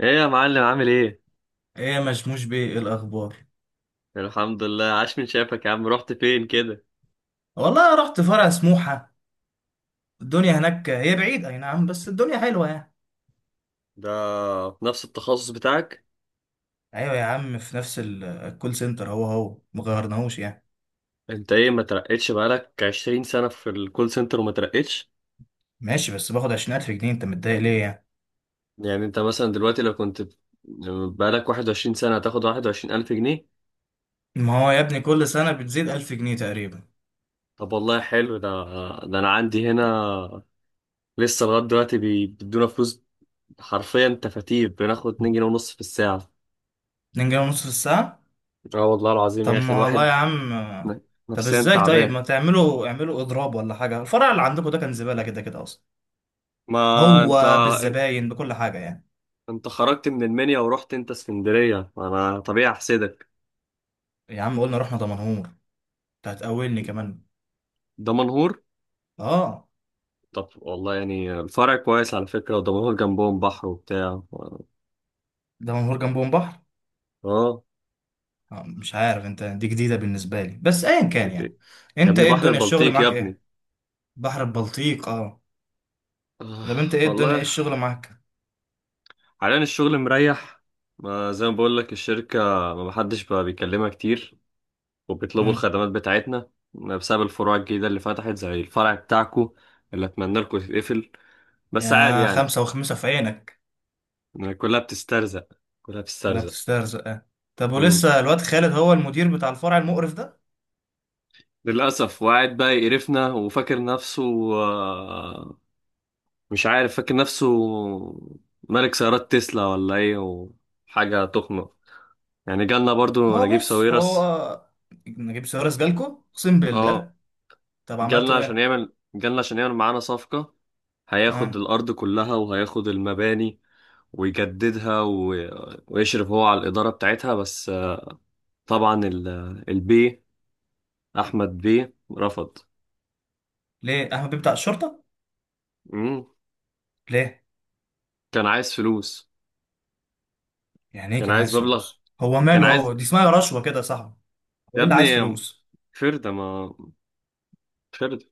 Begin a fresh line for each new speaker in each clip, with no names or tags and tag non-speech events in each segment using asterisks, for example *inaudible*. ايه يا معلم، عامل ايه؟
ايه يا مشموش بيه، إيه الاخبار؟
الحمد لله، عاش من شافك يا عم. رحت فين كده؟
والله رحت فرع سموحه. الدنيا هناك هي بعيد اي نعم بس الدنيا حلوه يعني.
ده في نفس التخصص بتاعك؟
ايوه يا عم في نفس الكول سنتر، هو هو ما غيرناهوش يعني.
انت ايه ما ترقتش؟ بقالك 20 سنة في الكول سنتر وما ترقتش؟
ماشي بس باخد 20000 جنيه، انت متضايق ليه يعني؟
يعني انت مثلا دلوقتي لو كنت بقالك 21 سنة هتاخد 21,000 جنيه؟
ما هو يا ابني كل سنه بتزيد 1000 جنيه تقريبا.
طب والله حلو ده. ده انا عندي هنا لسه لغاية دلوقتي بيدونا فلوس حرفيا تفاتير. بناخد 2 جنيه ونص في الساعة.
2 جنيه ونص في الساعه.
اه والله العظيم
طب
يا اخي،
ما والله
الواحد
يا عم.
ن-
طب
نفسيا
ازاي؟ طيب
تعبان.
ما تعملوا اعملوا اضراب ولا حاجه، الفرع اللي عندكم ده كان زباله كده كده اصلا،
ما انت
هو بالزباين بكل حاجه يعني.
انت خرجت من المنيا ورحت انت اسكندرية، انا طبيعي احسدك.
يا عم قلنا رحنا دمنهور. انت هتقولني كمان.
دمنهور؟
اه
طب والله يعني الفرع كويس على فكرة، ودمنهور جنبهم بحر وبتاع.
ده منهور جنبهم بحر.
اه
مش عارف، انت دي جديدة بالنسبة لي بس ايا كان يعني.
يا
انت
ابني،
ايه
بحر
الدنيا، الشغل
البلطيق يا
معاك
ابني.
ايه؟ بحر البلطيق، اه.
آه،
طب انت ايه الدنيا، ايه
والله
الشغل معاك؟
حاليا الشغل مريح. ما زي ما بقول لك الشركة ما محدش بقى بيكلمها كتير، وبيطلبوا
مم.
الخدمات بتاعتنا بسبب الفروع الجديدة اللي فتحت زي الفرع بتاعكو اللي اتمنى لكم يتقفل. بس عادي
يا
يعني،
خمسة وخمسة في عينك.
كلها بتسترزق، كلها
ولا
بتسترزق.
بتسترزق، اه. طب ولسه الواد خالد هو المدير بتاع الفرع المقرف ده؟
للأسف، وقاعد بقى يقرفنا وفاكر نفسه. آه، مش عارف فاكر نفسه ملك سيارات تسلا ولا ايه، وحاجة تخنق. يعني جالنا برضو
هو
نجيب
بص.
ساويرس.
هو نجيب سيارة جالكو اقسم
اه،
بالله. طب
جالنا
عملتوا
عشان
ايه؟
يعمل، جالنا عشان يعمل معانا صفقة. هياخد
اه.
الأرض كلها وهياخد المباني، ويجددها و ويشرف هو على الإدارة بتاعتها. بس آه، طبعا البي أحمد بيه رفض.
ليه احمد بيه بتاع الشرطة؟
مم.
ليه؟
كان عايز فلوس.
يعني ايه
كان
كان
عايز
عايز
مبلغ.
فلوس؟ هو
كان
ماله،
عايز
هو دي اسمها رشوة كده يا صاحبي. هو إيه
يا
اللي عايز
ابني
فلوس؟
فردة، ما فردة.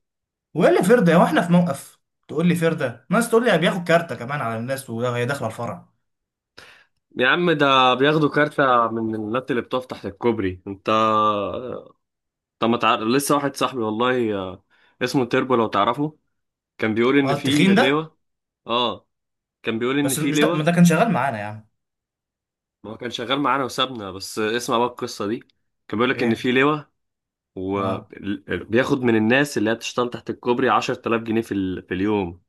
وايه اللي فرده؟ هو احنا في موقف؟ تقول لي فرده، ناس تقول لي بياخد كارته كمان على الناس وهي داخله الفرع.
يا عم ده بياخدوا كارتة من النت اللي بتقف تحت الكوبري. انت طب ما تعرف لسه واحد صاحبي، والله آه، اسمه تيربو، لو تعرفه. كان بيقول ان
اه
في
التخين ده.
لواء. اه، كان بيقول ان
بس
في
مش ده، ما
لواء.
ده كان شغال معانا يا عم.
هو كان شغال معانا وسابنا، بس اسمع بقى القصة دي. كان بيقول لك ان
ايه.
في لواء
اه
وبياخد من الناس اللي هي بتشتغل تحت الكوبري 10,000 جنيه في، في اليوم.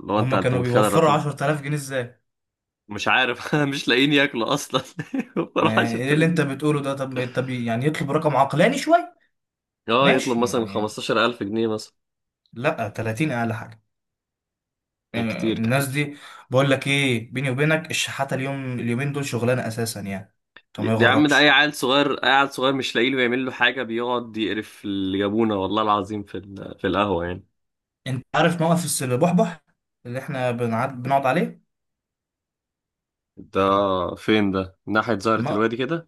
لو انت
هما كانوا
متخيل
بيوفروا
الرقم.
10000 جنيه ازاي؟
مش عارف *laughs* مش لاقيين ياكلوا اصلا. *laughs*
ما ايه اللي
10,000.
انت بتقوله ده، طب يعني يطلب رقم عقلاني شويه.
اه يطلب
ماشي
مثلا
يعني.
15,000 جنيه مثلا.
لا 30 اقل حاجه. آه،
كتير
الناس
كتير.
دي. بقول لك ايه، بيني وبينك الشحاته اليوم اليومين دول شغلانه اساسا يعني. طب ما
يا عم ده اي
يغركش.
عيل صغير، اي عيل صغير مش لاقي له يعمل له حاجه بيقعد يقرف اللي جابونا، والله العظيم في في القهوه يعني.
انت عارف موقف البحبح اللي احنا بنقعد عليه؟
ده فين ده؟ ناحية زهرة
الم-
الوادي كده.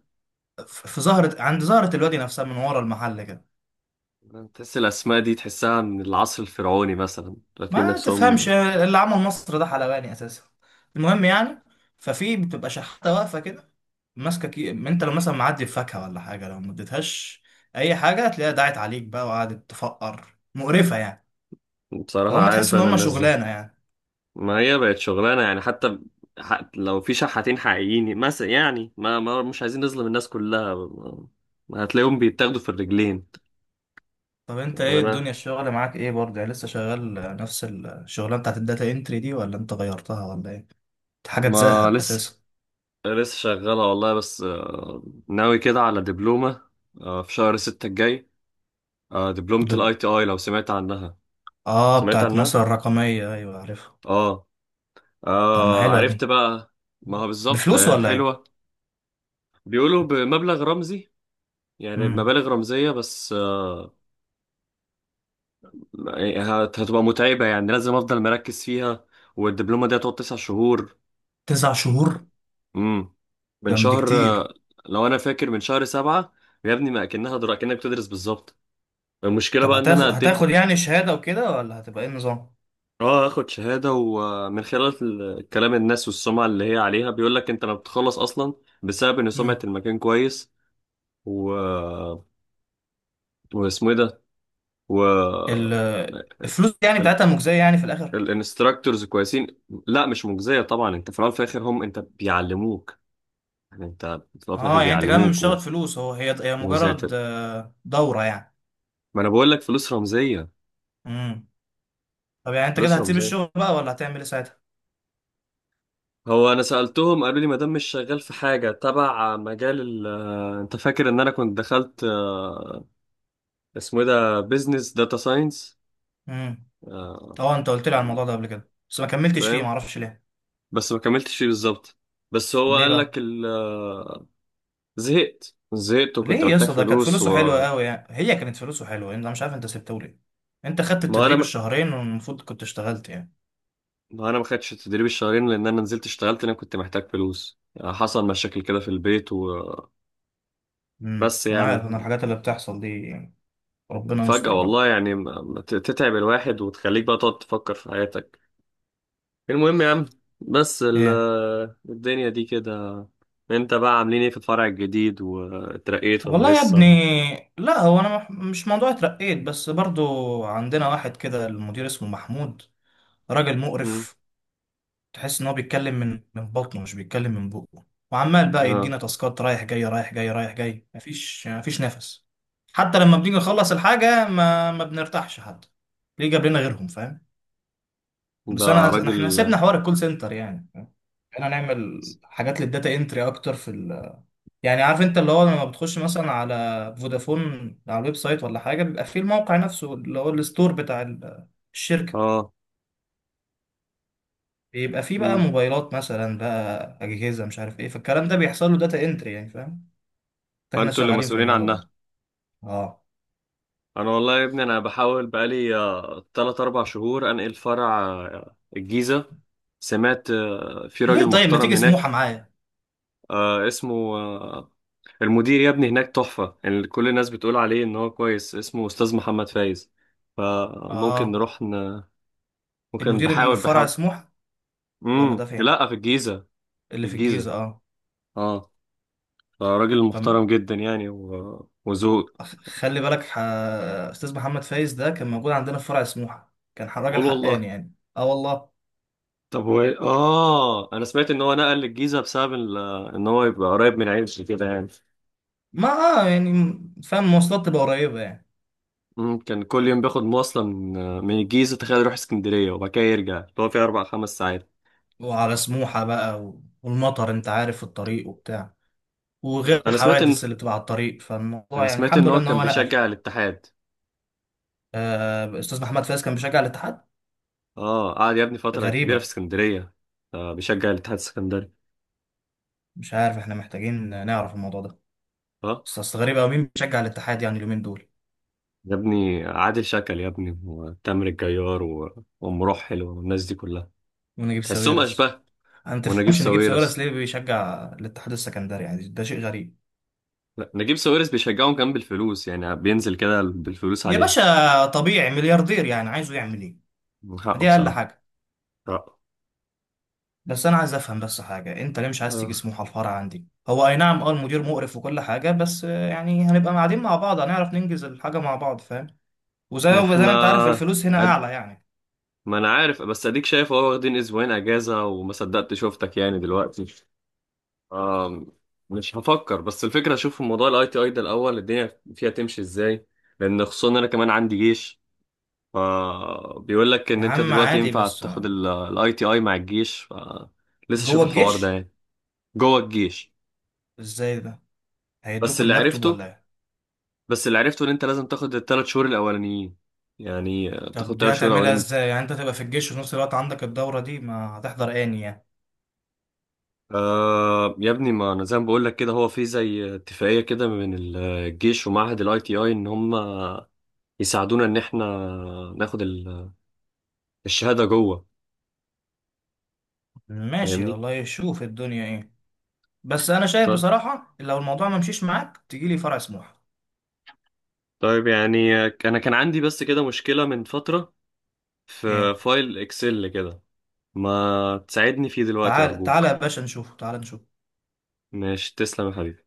في زهرة، عند زهرة الوادي نفسها من ورا المحل كده.
تحس الاسماء دي تحسها من العصر الفرعوني مثلا، لكن
ما تفهمش
نفسهم.
اللي عمل مصر ده حلواني اساسا. المهم يعني. ففي بتبقى شحاتة واقفة كده ماسكة انت لو مثلا معدي بفاكهة ولا حاجة لو ما اديتهاش، اي حاجة هتلاقيها دعت عليك بقى وقعدت تفقر مقرفة يعني.
بصراحه
فهم تحس
عارف
ان
انا
هم
الناس دي،
شغلانة يعني.
ما هي بقت شغلانه يعني. حتى لو في شحاتين حقيقيين مثلا يعني، ما مش عايزين نظلم الناس كلها، ما ما هتلاقيهم بيتاخدوا في الرجلين.
طب انت ايه
أنا
الدنيا، الشغل معاك ايه برضه؟ يعني لسه شغال نفس الشغلانة بتاعت الداتا انتري دي ولا انت غيرتها ولا ايه؟ دي حاجة
ما
تزهق اساسا.
لسه شغالة والله. بس آه، ناوي كده على دبلومة. آه، في شهر ستة الجاي. آه، دبلومة الاي
دب
تي اي، لو سمعت عنها.
اه
سمعت
بتاعت
عنها؟
مصر الرقمية، ايوه عارفها.
اه،
طب ما
آه،
حلوة
عرفت
دي.
بقى. ما هو بالظبط
بفلوس
آه،
ولا ايه؟
حلوة. بيقولوا بمبلغ رمزي، يعني
امم.
بمبالغ رمزية. بس آه، يعني هتبقى متعبة، يعني لازم افضل مركز فيها. والدبلومة دي هتقعد تسع شهور.
9 شهور.
امم، من
ده مش
شهر
كتير.
آه، لو انا فاكر من شهر سبعة. يا ابني ما اكنها درا، كأنك بتدرس بالظبط. المشكلة
طب
بقى ان انا
هتاخد
قدمت.
هتاخد يعني شهادة وكده ولا هتبقى ايه النظام؟
اه، اخد شهادة، ومن خلال كلام الناس والسمعة اللي هي عليها بيقول لك انت لما بتخلص اصلا، بسبب ان سمعة
امم.
المكان كويس. و واسمه ايه ده. و
ال- الفلوس يعني
ال-
بتاعتها مجزية يعني في الآخر؟
الانستراكتورز كويسين. لا مش مجزية طبعا، انت في الاول وفي الاخر هم انت بيعلموك يعني. انت في الاول وفي الاخر
اه يعني انت كمان مش
بيعلموك و
شغل فلوس، هو هي
وزي
مجرد
ت-
دورة يعني.
ما انا بقول لك، فلوس رمزية.
امم. طب يعني انت كده
فلوس
هتسيب
رمزية.
الشغل بقى ولا هتعمل ايه ساعتها؟
هو انا سالتهم، قالوا لي ما دام مش شغال في حاجه تبع مجال ال آه، انت فاكر ان انا كنت دخلت آه، اسمه ايه ده، بيزنس داتا ساينس.
امم. اه انت قلت لي على الموضوع ده قبل كده بس ما كملتش فيه،
فاهم.
معرفش ليه.
بس ما كملتش فيه بالظبط. بس هو
ليه
قال
بقى؟
لك زهقت، زهقت وكنت
ليه يا
محتاج
اسطى؟ ده كانت
فلوس،
فلوسه حلوة قوي يعني، هي كانت فلوسه حلوة، انت مش عارف انت سبته ليه. انت خدت
انا
التدريب
ما
الشهرين والمفروض كنت اشتغلت يعني.
ما انا ما خدتش التدريب الشهرين، لان انا نزلت اشتغلت، لان أنا كنت محتاج فلوس. يعني حصل مشاكل كده في البيت وبس.
انا
يعني
عارف انا الحاجات اللي بتحصل دي يعني. ربنا
فجأة
يستر بقى.
والله، يعني ما تتعب الواحد وتخليك بقى تقعد تفكر في حياتك. المهم يا عم. بس
ايه
الدنيا دي كده. انت بقى عاملين ايه في الفرع الجديد؟ واترقيت ولا
والله يا ابني.
لسه؟
لا هو انا مش موضوع اترقيت، بس برضو عندنا واحد كده المدير اسمه محمود. راجل
مم.
مقرف. تحس ان هو بيتكلم من بطنه، مش بيتكلم من بقه. وعمال بقى
اه،
يدينا تاسكات رايح جاي رايح جاي رايح جاي، مفيش نفس. حتى لما بنيجي نخلص الحاجة ما بنرتاحش حتى. ليه جاب لنا غيرهم، فاهم؟
ده
بس انا
راجل.
احنا سيبنا حوار الكول سنتر يعني، احنا نعمل حاجات للداتا انتري اكتر في. يعني عارف انت اللي هو لما بتخش مثلا على فودافون، على الويب سايت ولا حاجه، بيبقى فيه الموقع نفسه اللي هو الستور بتاع الشركه،
اه.
بيبقى فيه بقى
مم.
موبايلات مثلا بقى اجهزه مش عارف ايه، فالكلام ده بيحصل له داتا انتري يعني، فاهم؟ فاحنا
فانتوا اللي
شغالين في
مسؤولين
الموضوع ده.
عنها.
اه.
انا والله يا ابني انا بحاول بقالي آه، تلات اربع شهور انقل فرع آه، الجيزة. سمعت آه، في راجل
ليه طيب ما
محترم
تيجي سموحه
هناك.
معايا؟
آه، اسمه آه، المدير يا ابني هناك تحفة. كل الناس بتقول عليه ان هو كويس، اسمه استاذ محمد فايز. فممكن
اه.
نروح وكان
المدير اللي
بحاول،
في فرع
بحاول.
سموحه؟ ولا ده
امم،
فين؟
لا في الجيزة.
اللي
في
في الجيزه،
الجيزة،
اه.
اه، راجل
طب
محترم جدا يعني، و وذوق.
خلي بالك استاذ محمد فايز ده كان موجود عندنا في فرع سموحه، كان راجل
قول والله.
حقاني يعني اه والله.
طب هو إيه؟ اه انا سمعت ان هو نقل للجيزة بسبب ان هو يبقى قريب من عيلته كده يعني.
ما يعني، فاهم، المواصلات تبقى قريبة يعني.
امم، كان كل يوم بياخد مواصلة من من الجيزة، تخيل، يروح اسكندرية وبعد كده يرجع، اللي هو فيه اربع خمس ساعات.
وعلى سموحة بقى والمطر انت عارف في الطريق وبتاع، وغير
انا سمعت ان
الحوادث اللي بتبقى على الطريق،
انا
فالموضوع يعني
سمعت
الحمد
ان
لله
هو
ان
كان
هو نقل.
بيشجع الاتحاد.
آه، استاذ محمد فايز كان بيشجع الاتحاد.
اه، قعد يا ابني فترة كبيرة في
غريبة.
اسكندرية. آه، بيشجع الاتحاد السكندري.
مش عارف، احنا محتاجين نعرف الموضوع ده.
اه
بس اصل غريبة أوي مين بيشجع الاتحاد يعني اليومين دول.
يا ابني، عادل شكل يا ابني، وتامر الجيار وام رحل والناس دي كلها.
ونجيب
تحسهم
ساويرس.
اشباه.
انا ما
ونجيب
تفهمش نجيب ساويرس
ساويرس.
ليه بيشجع الاتحاد السكندري يعني، ده شيء غريب.
لا، نجيب ساويرس بيشجعهم كمان بالفلوس، يعني بينزل كده بالفلوس
يا
عليه.
باشا طبيعي، ملياردير يعني عايزه يعمل ايه؟
من
ما
حقه
دي اقل
بصراحة.
حاجة.
حقه.
بس انا عايز افهم بس حاجه، انت ليه مش عايز تيجي
آه.
سموحه؟ الفرع عندي هو اي نعم، اه المدير مقرف وكل حاجه، بس يعني هنبقى قاعدين مع بعض، هنعرف ننجز الحاجه مع بعض، فاهم؟ وزي
ما
وزي ما
احنا
انت عارف الفلوس هنا
أد...
اعلى يعني.
ما انا عارف، بس اديك شايف اهو واخدين اسبوعين اجازة وما صدقت شفتك يعني دلوقتي. آه. مش هفكر، بس الفكرة اشوف موضوع الاي تي اي ده الاول الدنيا فيها تمشي ازاي. لان خصوصا انا كمان عندي جيش. فبيقول لك
يا
ان انت
عم
دلوقتي
عادي
ينفع
بس
تاخد الاي تي اي مع الجيش، ف لسه شوف
جوه
الحوار ده
الجيش.
يعني. جوه الجيش.
ازاي ده؟
بس
هيدوكوا
اللي
اللابتوب
عرفته
ولا ايه؟
بس اللي عرفته ان انت لازم تاخد الثلاث شهور الاولانيين. يعني آه،
طب
تاخد
دي
ثلاث شهور
هتعملها
الاولانيين.
ازاي؟ يعني انت تبقى في الجيش وفي نفس الوقت عندك الدوره دي، ما هتحضر اني يعني.
آه يا ابني، ما انا زي ما بقول لك كده، هو في زي اتفاقيه كده من الجيش ومعهد الاي تي اي، ان هم يساعدونا ان احنا ناخد الشهاده جوه.
ماشي
فاهمني.
والله، شوف الدنيا ايه. بس انا شايف
طيب.
بصراحه لو الموضوع ما مشيش معاك تجي لي فرع سموحه.
طيب يعني آه، انا كان عندي بس كده مشكله من فتره، في
ايه.
فايل اكسل كده. ما تساعدني فيه دلوقتي
تعال تعال يا
أرجوك.
باشا نشوف، تعال نشوف.
ماشي، تسلم يا حبيبي.